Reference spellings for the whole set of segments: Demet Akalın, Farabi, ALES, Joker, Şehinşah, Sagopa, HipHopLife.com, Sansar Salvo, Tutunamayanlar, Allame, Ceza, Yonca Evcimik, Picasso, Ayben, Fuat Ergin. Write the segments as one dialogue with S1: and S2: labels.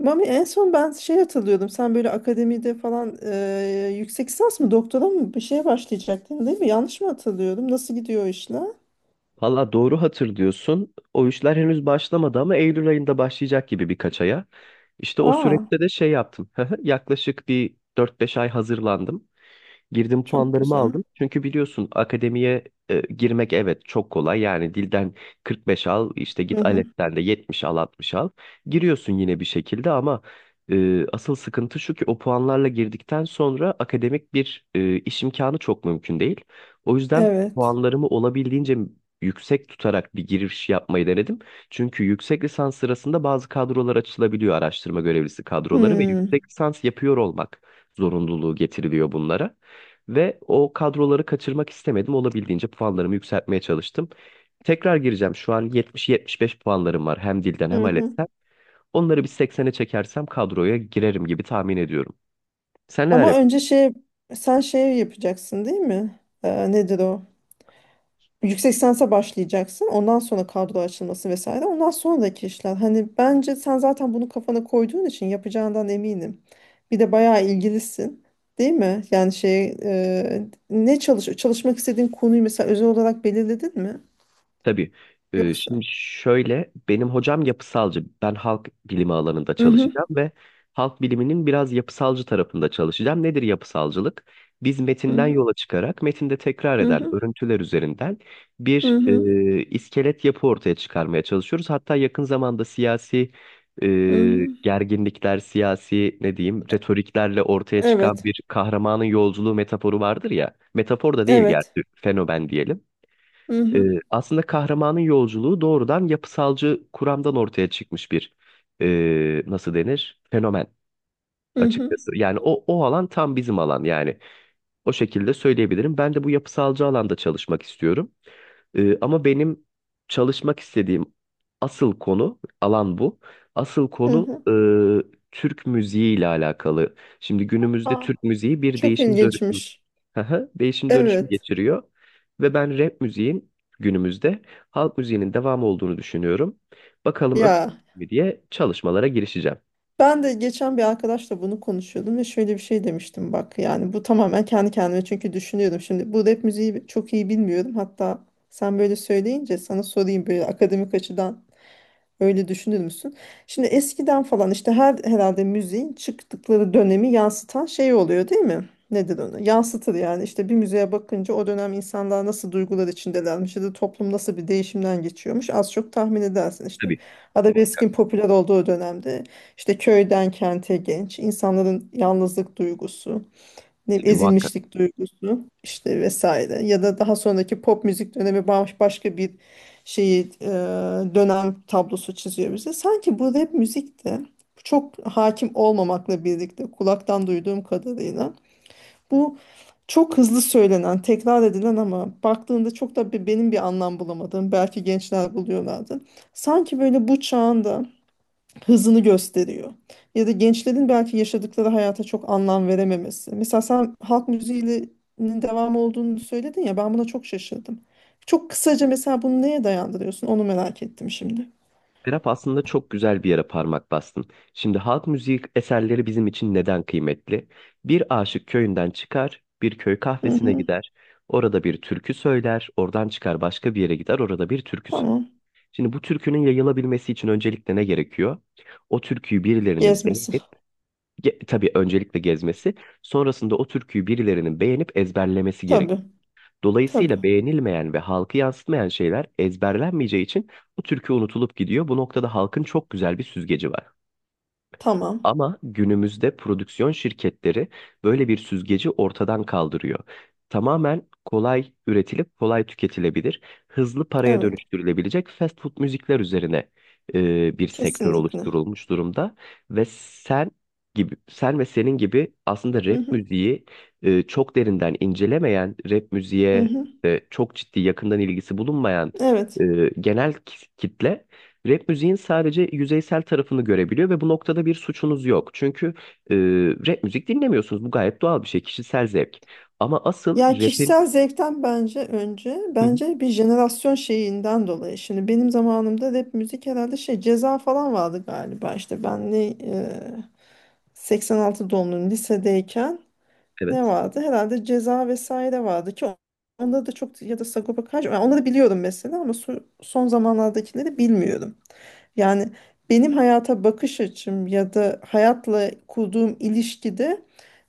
S1: Mami en son ben şey hatırlıyordum. Sen böyle akademide falan yüksek lisans mı doktora mı bir şeye başlayacaktın, değil mi? Yanlış mı hatırlıyorum? Nasıl gidiyor o işler?
S2: Valla doğru hatırlıyorsun. O işler henüz başlamadı ama Eylül ayında başlayacak gibi birkaç aya. İşte o
S1: Aa,
S2: süreçte de şey yaptım. Yaklaşık bir 4-5 ay hazırlandım. Girdim,
S1: çok
S2: puanlarımı
S1: güzel.
S2: aldım. Çünkü biliyorsun akademiye girmek evet çok kolay. Yani dilden 45 al, işte
S1: Hı
S2: git
S1: hı.
S2: ALES'ten de 70 al, 60 al. Giriyorsun yine bir şekilde ama asıl sıkıntı şu ki o puanlarla girdikten sonra akademik bir iş imkanı çok mümkün değil. O yüzden
S1: Evet.
S2: puanlarımı olabildiğince yüksek tutarak bir giriş yapmayı denedim. Çünkü yüksek lisans sırasında bazı kadrolar açılabiliyor, araştırma görevlisi kadroları, ve
S1: Hmm.
S2: yüksek lisans yapıyor olmak zorunluluğu getiriliyor bunlara. Ve o kadroları kaçırmak istemedim. Olabildiğince puanlarımı yükseltmeye çalıştım. Tekrar gireceğim. Şu an 70-75 puanlarım var. Hem dilden hem
S1: Hı hı.
S2: ALES'ten. Onları bir 80'e çekersem kadroya girerim gibi tahmin ediyorum. Sen neler
S1: Ama önce
S2: yapıyorsun?
S1: şey, sen şey yapacaksın değil mi? Nedir o? Yüksek lisansa başlayacaksın. Ondan sonra kadro açılması vesaire. Ondan sonraki işler. Hani bence sen zaten bunu kafana koyduğun için yapacağından eminim. Bir de bayağı ilgilisin. Değil mi? Yani şey ne çalış çalışmak istediğin konuyu mesela özel olarak belirledin mi?
S2: Tabii. Şimdi
S1: Yoksa.
S2: şöyle, benim hocam yapısalcı. Ben halk bilimi alanında
S1: Hı hı,
S2: çalışacağım ve halk biliminin biraz yapısalcı tarafında çalışacağım. Nedir yapısalcılık? Biz
S1: hı
S2: metinden
S1: hı,
S2: yola çıkarak metinde tekrar
S1: hı
S2: eden
S1: hı,
S2: örüntüler üzerinden
S1: hı
S2: bir
S1: hı,
S2: iskelet yapı ortaya çıkarmaya çalışıyoruz. Hatta yakın zamanda siyasi e,
S1: hı hı.
S2: gerginlikler, siyasi, ne diyeyim, retoriklerle ortaya çıkan
S1: Evet.
S2: bir kahramanın yolculuğu metaforu vardır ya. Metafor da değil
S1: Evet.
S2: gerçi, fenomen diyelim.
S1: Hı
S2: Ee,
S1: hı,
S2: Aslında kahramanın yolculuğu doğrudan yapısalcı kuramdan ortaya çıkmış bir nasıl denir, fenomen
S1: hı hı,
S2: açıkçası. Yani o alan tam bizim alan yani. O şekilde söyleyebilirim. Ben de bu yapısalcı alanda çalışmak istiyorum. Ama benim çalışmak istediğim asıl konu, alan bu. Asıl
S1: hı
S2: konu
S1: hı.
S2: Türk müziği ile alakalı. Şimdi günümüzde
S1: Aa,
S2: Türk müziği bir
S1: çok
S2: değişim dönüşüm...
S1: ilginçmiş.
S2: Aha, değişim dönüşüm
S1: Evet.
S2: geçiriyor. Ve ben rap müziğin günümüzde halk müziğinin devamı olduğunu düşünüyorum. Bakalım öyle
S1: Ya.
S2: mi diye çalışmalara girişeceğim.
S1: Ben de geçen bir arkadaşla bunu konuşuyordum ve şöyle bir şey demiştim, bak, yani bu tamamen kendi kendime çünkü düşünüyordum. Şimdi bu rap müziği çok iyi bilmiyorum, hatta sen böyle söyleyince sana sorayım, böyle akademik açıdan öyle düşünür müsün? Şimdi eskiden falan işte herhalde müziğin çıktıkları dönemi yansıtan şey oluyor değil mi? Nedir onu? Yansıtır yani. İşte bir müziğe bakınca o dönem insanlar nasıl duygular içindelermiş ya da toplum nasıl bir değişimden geçiyormuş az çok tahmin edersin işte.
S2: Tabii muhakkak.
S1: Arabeskin popüler olduğu dönemde işte köyden kente genç insanların yalnızlık duygusu, ne bileyim,
S2: Tabii muhakkak.
S1: ezilmişlik duygusu, işte vesaire. Ya da daha sonraki pop müzik dönemi başka bir şeyi, dönem tablosu çiziyor bize. Sanki bu rap müzik de çok hakim olmamakla birlikte, kulaktan duyduğum kadarıyla, bu çok hızlı söylenen, tekrar edilen ama baktığında çok da benim bir anlam bulamadığım, belki gençler buluyorlardı. Sanki böyle bu çağında hızını gösteriyor. Ya da gençlerin belki yaşadıkları hayata çok anlam verememesi. Mesela sen halk müziğinin devamı olduğunu söyledin ya, ben buna çok şaşırdım. Çok kısaca mesela bunu neye dayandırıyorsun, onu merak ettim şimdi.
S2: Rap aslında çok güzel bir yere parmak bastın. Şimdi halk müziği eserleri bizim için neden kıymetli? Bir aşık köyünden çıkar, bir köy
S1: Hı
S2: kahvesine
S1: hı,
S2: gider. Orada bir türkü söyler, oradan çıkar başka bir yere gider, orada bir türkü söyler.
S1: tamam.
S2: Şimdi bu türkünün yayılabilmesi için öncelikle ne gerekiyor? O türküyü birilerinin
S1: Gezmesi.
S2: beğenip... Tabii öncelikle gezmesi, sonrasında o türküyü birilerinin beğenip ezberlemesi gerek.
S1: Tabii.
S2: Dolayısıyla
S1: Tabii.
S2: beğenilmeyen ve halkı yansıtmayan şeyler ezberlenmeyeceği için bu türkü unutulup gidiyor. Bu noktada halkın çok güzel bir süzgeci var.
S1: Tamam.
S2: Ama günümüzde prodüksiyon şirketleri böyle bir süzgeci ortadan kaldırıyor. Tamamen kolay üretilip kolay tüketilebilir, hızlı paraya
S1: Evet.
S2: dönüştürülebilecek fast food müzikler üzerine bir sektör
S1: Kesinlikle.
S2: oluşturulmuş durumda ve sen ve senin gibi aslında
S1: Hı
S2: rap
S1: hı.
S2: müziği çok derinden incelemeyen, rap
S1: Hı
S2: müziğe
S1: hı.
S2: çok ciddi, yakından ilgisi bulunmayan
S1: Evet.
S2: e, genel kitle rap müziğin sadece yüzeysel tarafını görebiliyor ve bu noktada bir suçunuz yok. Çünkü e, rap müzik dinlemiyorsunuz. Bu gayet doğal bir şey, kişisel zevk. Ama asıl
S1: Ya
S2: rapin...
S1: kişisel zevkten bence önce,
S2: Hı hı.
S1: bence bir jenerasyon şeyinden dolayı. Şimdi benim zamanımda rap müzik herhalde şey, ceza falan vardı galiba. İşte ben ne 86 doğumluyum, lisedeyken ne
S2: Evet.
S1: vardı? Herhalde ceza vesaire vardı ki onda da çok, ya da Sagopa Kajmer. Yani onları biliyorum mesela ama son zamanlardakileri bilmiyorum. Yani benim hayata bakış açım ya da hayatla kurduğum ilişkide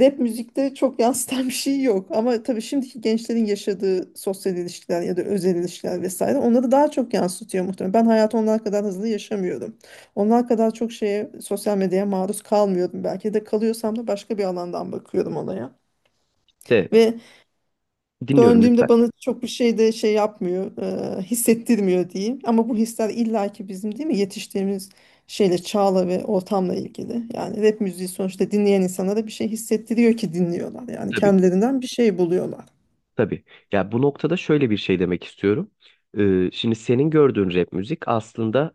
S1: rap müzikte çok yansıtan bir şey yok. Ama tabii şimdiki gençlerin yaşadığı sosyal ilişkiler ya da özel ilişkiler vesaire onları daha çok yansıtıyor muhtemelen. Ben hayatı onlar kadar hızlı yaşamıyorum. Onlar kadar çok şeye, sosyal medyaya maruz kalmıyordum. Belki de kalıyorsam da başka bir alandan bakıyorum olaya.
S2: De,
S1: Ve
S2: dinliyorum lütfen.
S1: döndüğümde bana çok bir şey de şey yapmıyor, hissettirmiyor diyeyim. Ama bu hisler illaki bizim değil mi, yetiştiğimiz şeyle, çağla ve ortamla ilgili. Yani rap müziği sonuçta dinleyen insanlara bir şey hissettiriyor ki dinliyorlar. Yani
S2: Tabii,
S1: kendilerinden bir şey buluyorlar.
S2: tabii. Ya bu noktada şöyle bir şey demek istiyorum. Şimdi senin gördüğün rap müzik aslında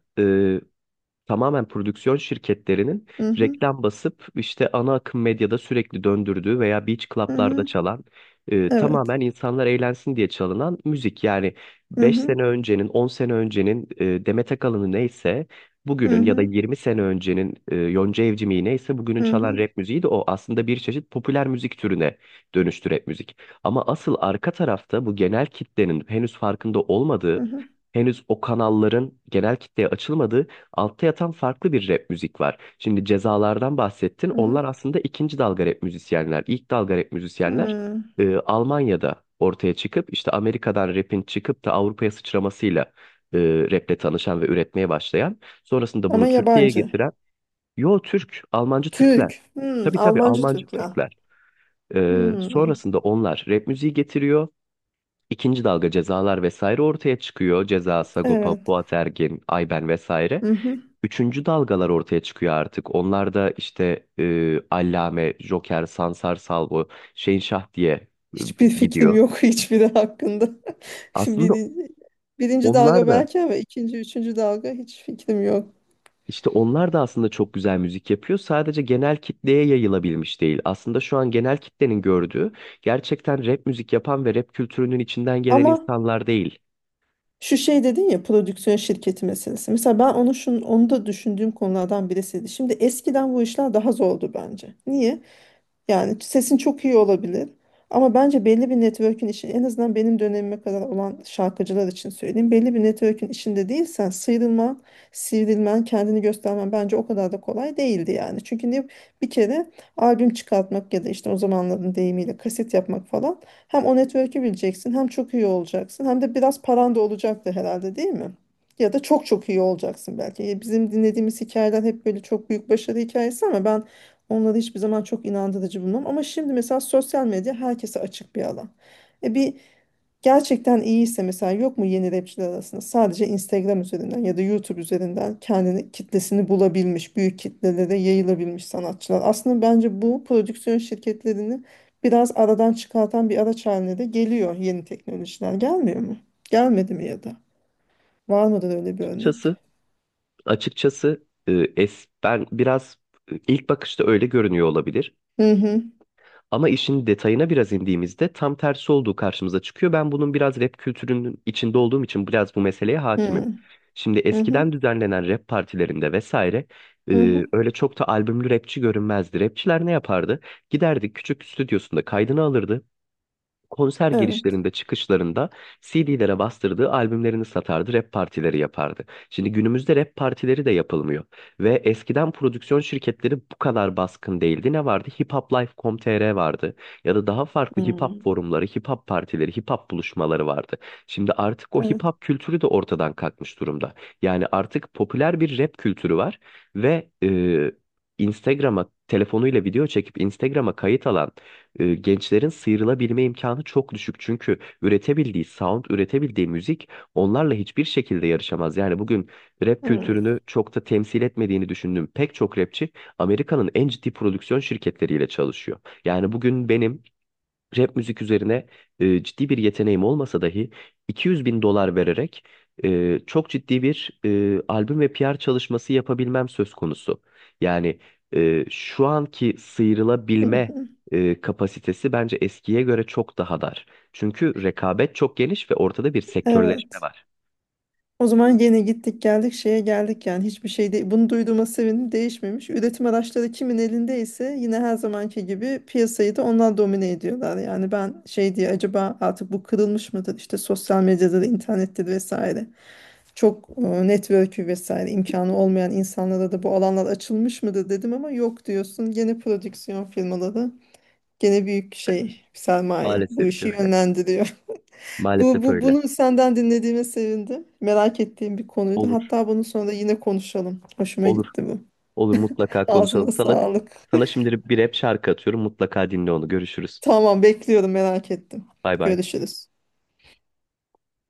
S2: tamamen prodüksiyon şirketlerinin
S1: Hı hı,
S2: reklam basıp işte ana akım medyada sürekli döndürdüğü veya beach
S1: hı
S2: club'larda
S1: hı,
S2: çalan,
S1: evet.
S2: tamamen insanlar eğlensin diye çalınan müzik. Yani
S1: Hı
S2: beş
S1: hı,
S2: sene öncenin, 10 sene öncenin Demet Akalın'ı neyse,
S1: hı
S2: bugünün ya da
S1: hı,
S2: 20 sene öncenin Yonca Evcimik'i neyse bugünün
S1: hı
S2: çalan
S1: hı,
S2: rap müziği de o. Aslında bir çeşit popüler müzik türüne dönüştü rap müzik. Ama asıl arka tarafta, bu genel kitlenin henüz farkında
S1: hı
S2: olmadığı,
S1: hı,
S2: henüz o kanalların genel kitleye açılmadığı, altta yatan farklı bir rap müzik var. Şimdi cezalardan bahsettin.
S1: hı hı.
S2: Onlar aslında ikinci dalga rap müzisyenler. İlk dalga rap müzisyenler
S1: Hı.
S2: Almanya'da ortaya çıkıp, işte Amerika'dan rapin çıkıp da Avrupa'ya sıçramasıyla e, raple tanışan ve üretmeye başlayan, sonrasında bunu
S1: Ama
S2: Türkiye'ye
S1: yabancı.
S2: getiren. Yo, Türk, Almancı Türkler.
S1: Türk. Hı,
S2: Tabii tabii,
S1: Almancı
S2: Almancı
S1: Türkler.
S2: Türkler.
S1: Hı,
S2: Sonrasında onlar rap müziği getiriyor. İkinci dalga cezalar vesaire ortaya çıkıyor. Ceza, Sagopa,
S1: evet.
S2: Fuat Ergin, Ayben vesaire.
S1: Hı hı.
S2: Üçüncü dalgalar ortaya çıkıyor artık. Onlar da işte Allame, Joker, Sansar Salvo, Şehinşah diye e,
S1: Hiçbir fikrim
S2: gidiyor.
S1: yok, hiçbiri hakkında.
S2: Aslında
S1: Birinci, birinci dalga
S2: onlar da
S1: belki ama ikinci, üçüncü dalga hiç fikrim yok.
S2: onlar da aslında çok güzel müzik yapıyor. Sadece genel kitleye yayılabilmiş değil. Aslında şu an genel kitlenin gördüğü gerçekten rap müzik yapan ve rap kültürünün içinden gelen
S1: Ama
S2: insanlar değil.
S1: şu şey dedin ya, prodüksiyon şirketi meselesi. Mesela ben onu onu da düşündüğüm konulardan birisiydi. Şimdi eskiden bu işler daha zordu bence. Niye? Yani sesin çok iyi olabilir. Ama bence belli bir network'ün işi, en azından benim dönemime kadar olan şarkıcılar için söyleyeyim. Belli bir network'ün içinde değilsen sıyrılman, sivrilmen, kendini göstermen bence o kadar da kolay değildi yani. Bir kere albüm çıkartmak ya da işte o zamanların deyimiyle kaset yapmak falan, hem o network'ü bileceksin, hem çok iyi olacaksın, hem de biraz paran da olacaktı herhalde değil mi? Ya da çok iyi olacaksın belki. Bizim dinlediğimiz hikayeler hep böyle çok büyük başarı hikayesi, ama ben onları hiçbir zaman çok inandırıcı bulmam. Ama şimdi mesela sosyal medya herkese açık bir alan. E bir, gerçekten iyiyse mesela, yok mu yeni rapçiler arasında sadece Instagram üzerinden ya da YouTube üzerinden kendini, kitlesini bulabilmiş, büyük kitlelere yayılabilmiş sanatçılar? Aslında bence bu prodüksiyon şirketlerini biraz aradan çıkartan bir araç haline de geliyor yeni teknolojiler. Gelmiyor mu? Gelmedi mi ya da? Var mıdır öyle bir örnek?
S2: Açıkçası, açıkçası, ben biraz, ilk bakışta öyle görünüyor olabilir.
S1: Hı hı.
S2: Ama işin detayına biraz indiğimizde tam tersi olduğu karşımıza çıkıyor. Ben bunun biraz rap kültürünün içinde olduğum için biraz bu meseleye
S1: Hı
S2: hakimim.
S1: hı.
S2: Şimdi
S1: Hı hı.
S2: eskiden düzenlenen rap partilerinde vesaire,
S1: Hı hı.
S2: öyle çok da albümlü rapçi görünmezdi. Rapçiler ne yapardı? Giderdi, küçük stüdyosunda kaydını alırdı, konser
S1: Evet.
S2: girişlerinde, çıkışlarında CD'lere bastırdığı albümlerini satardı, rap partileri yapardı. Şimdi günümüzde rap partileri de yapılmıyor. Ve eskiden prodüksiyon şirketleri bu kadar baskın değildi. Ne vardı? Hiphop Life, nokta Com, HipHopLife.com.tr vardı. Ya da daha farklı hip
S1: Hı.
S2: hop forumları, hip hop partileri, hip hop buluşmaları vardı. Şimdi artık o hip
S1: Evet.
S2: hop kültürü de ortadan kalkmış durumda. Yani artık popüler bir rap kültürü var ve Instagram'a telefonuyla video çekip Instagram'a kayıt alan gençlerin sıyrılabilme imkanı çok düşük. Çünkü üretebildiği sound, üretebildiği müzik onlarla hiçbir şekilde yarışamaz. Yani bugün rap
S1: Hı.
S2: kültürünü çok da temsil etmediğini düşündüğüm pek çok rapçi Amerika'nın en ciddi prodüksiyon şirketleriyle çalışıyor. Yani bugün benim rap müzik üzerine ciddi bir yeteneğim olmasa dahi 200 bin dolar vererek çok ciddi bir albüm ve PR çalışması yapabilmem söz konusu. Yani şu anki
S1: Hı
S2: sıyrılabilme
S1: hı.
S2: kapasitesi bence eskiye göre çok daha dar. Çünkü rekabet çok geniş ve ortada bir sektörleşme
S1: Evet.
S2: var.
S1: O zaman yine gittik geldik şeye geldik, yani hiçbir şey değil. Bunu duyduğuma sevindim, değişmemiş. Üretim araçları kimin elindeyse yine her zamanki gibi piyasayı da onlar domine ediyorlar. Yani ben şey diye, acaba artık bu kırılmış mıdır? İşte sosyal medyada da, internettir vesaire. Çok network'ü vesaire imkanı olmayan insanlara da bu alanlar açılmış mıdır dedim, ama yok diyorsun. Gene prodüksiyon firmaları, gene büyük şey, sermaye bu
S2: Maalesef ki
S1: işi
S2: öyle.
S1: yönlendiriyor. Bu,
S2: Maalesef
S1: bu
S2: öyle.
S1: bunu senden dinlediğime sevindim. Merak ettiğim bir konuydu.
S2: Olur,
S1: Hatta bunun sonra da yine konuşalım. Hoşuma
S2: olur,
S1: gitti bu.
S2: olur, mutlaka
S1: Ağzına
S2: konuşalım. Sana,
S1: sağlık.
S2: sana şimdi bir rap şarkı atıyorum. Mutlaka dinle onu. Görüşürüz.
S1: Tamam, bekliyorum, merak ettim.
S2: Bay bay.
S1: Görüşürüz.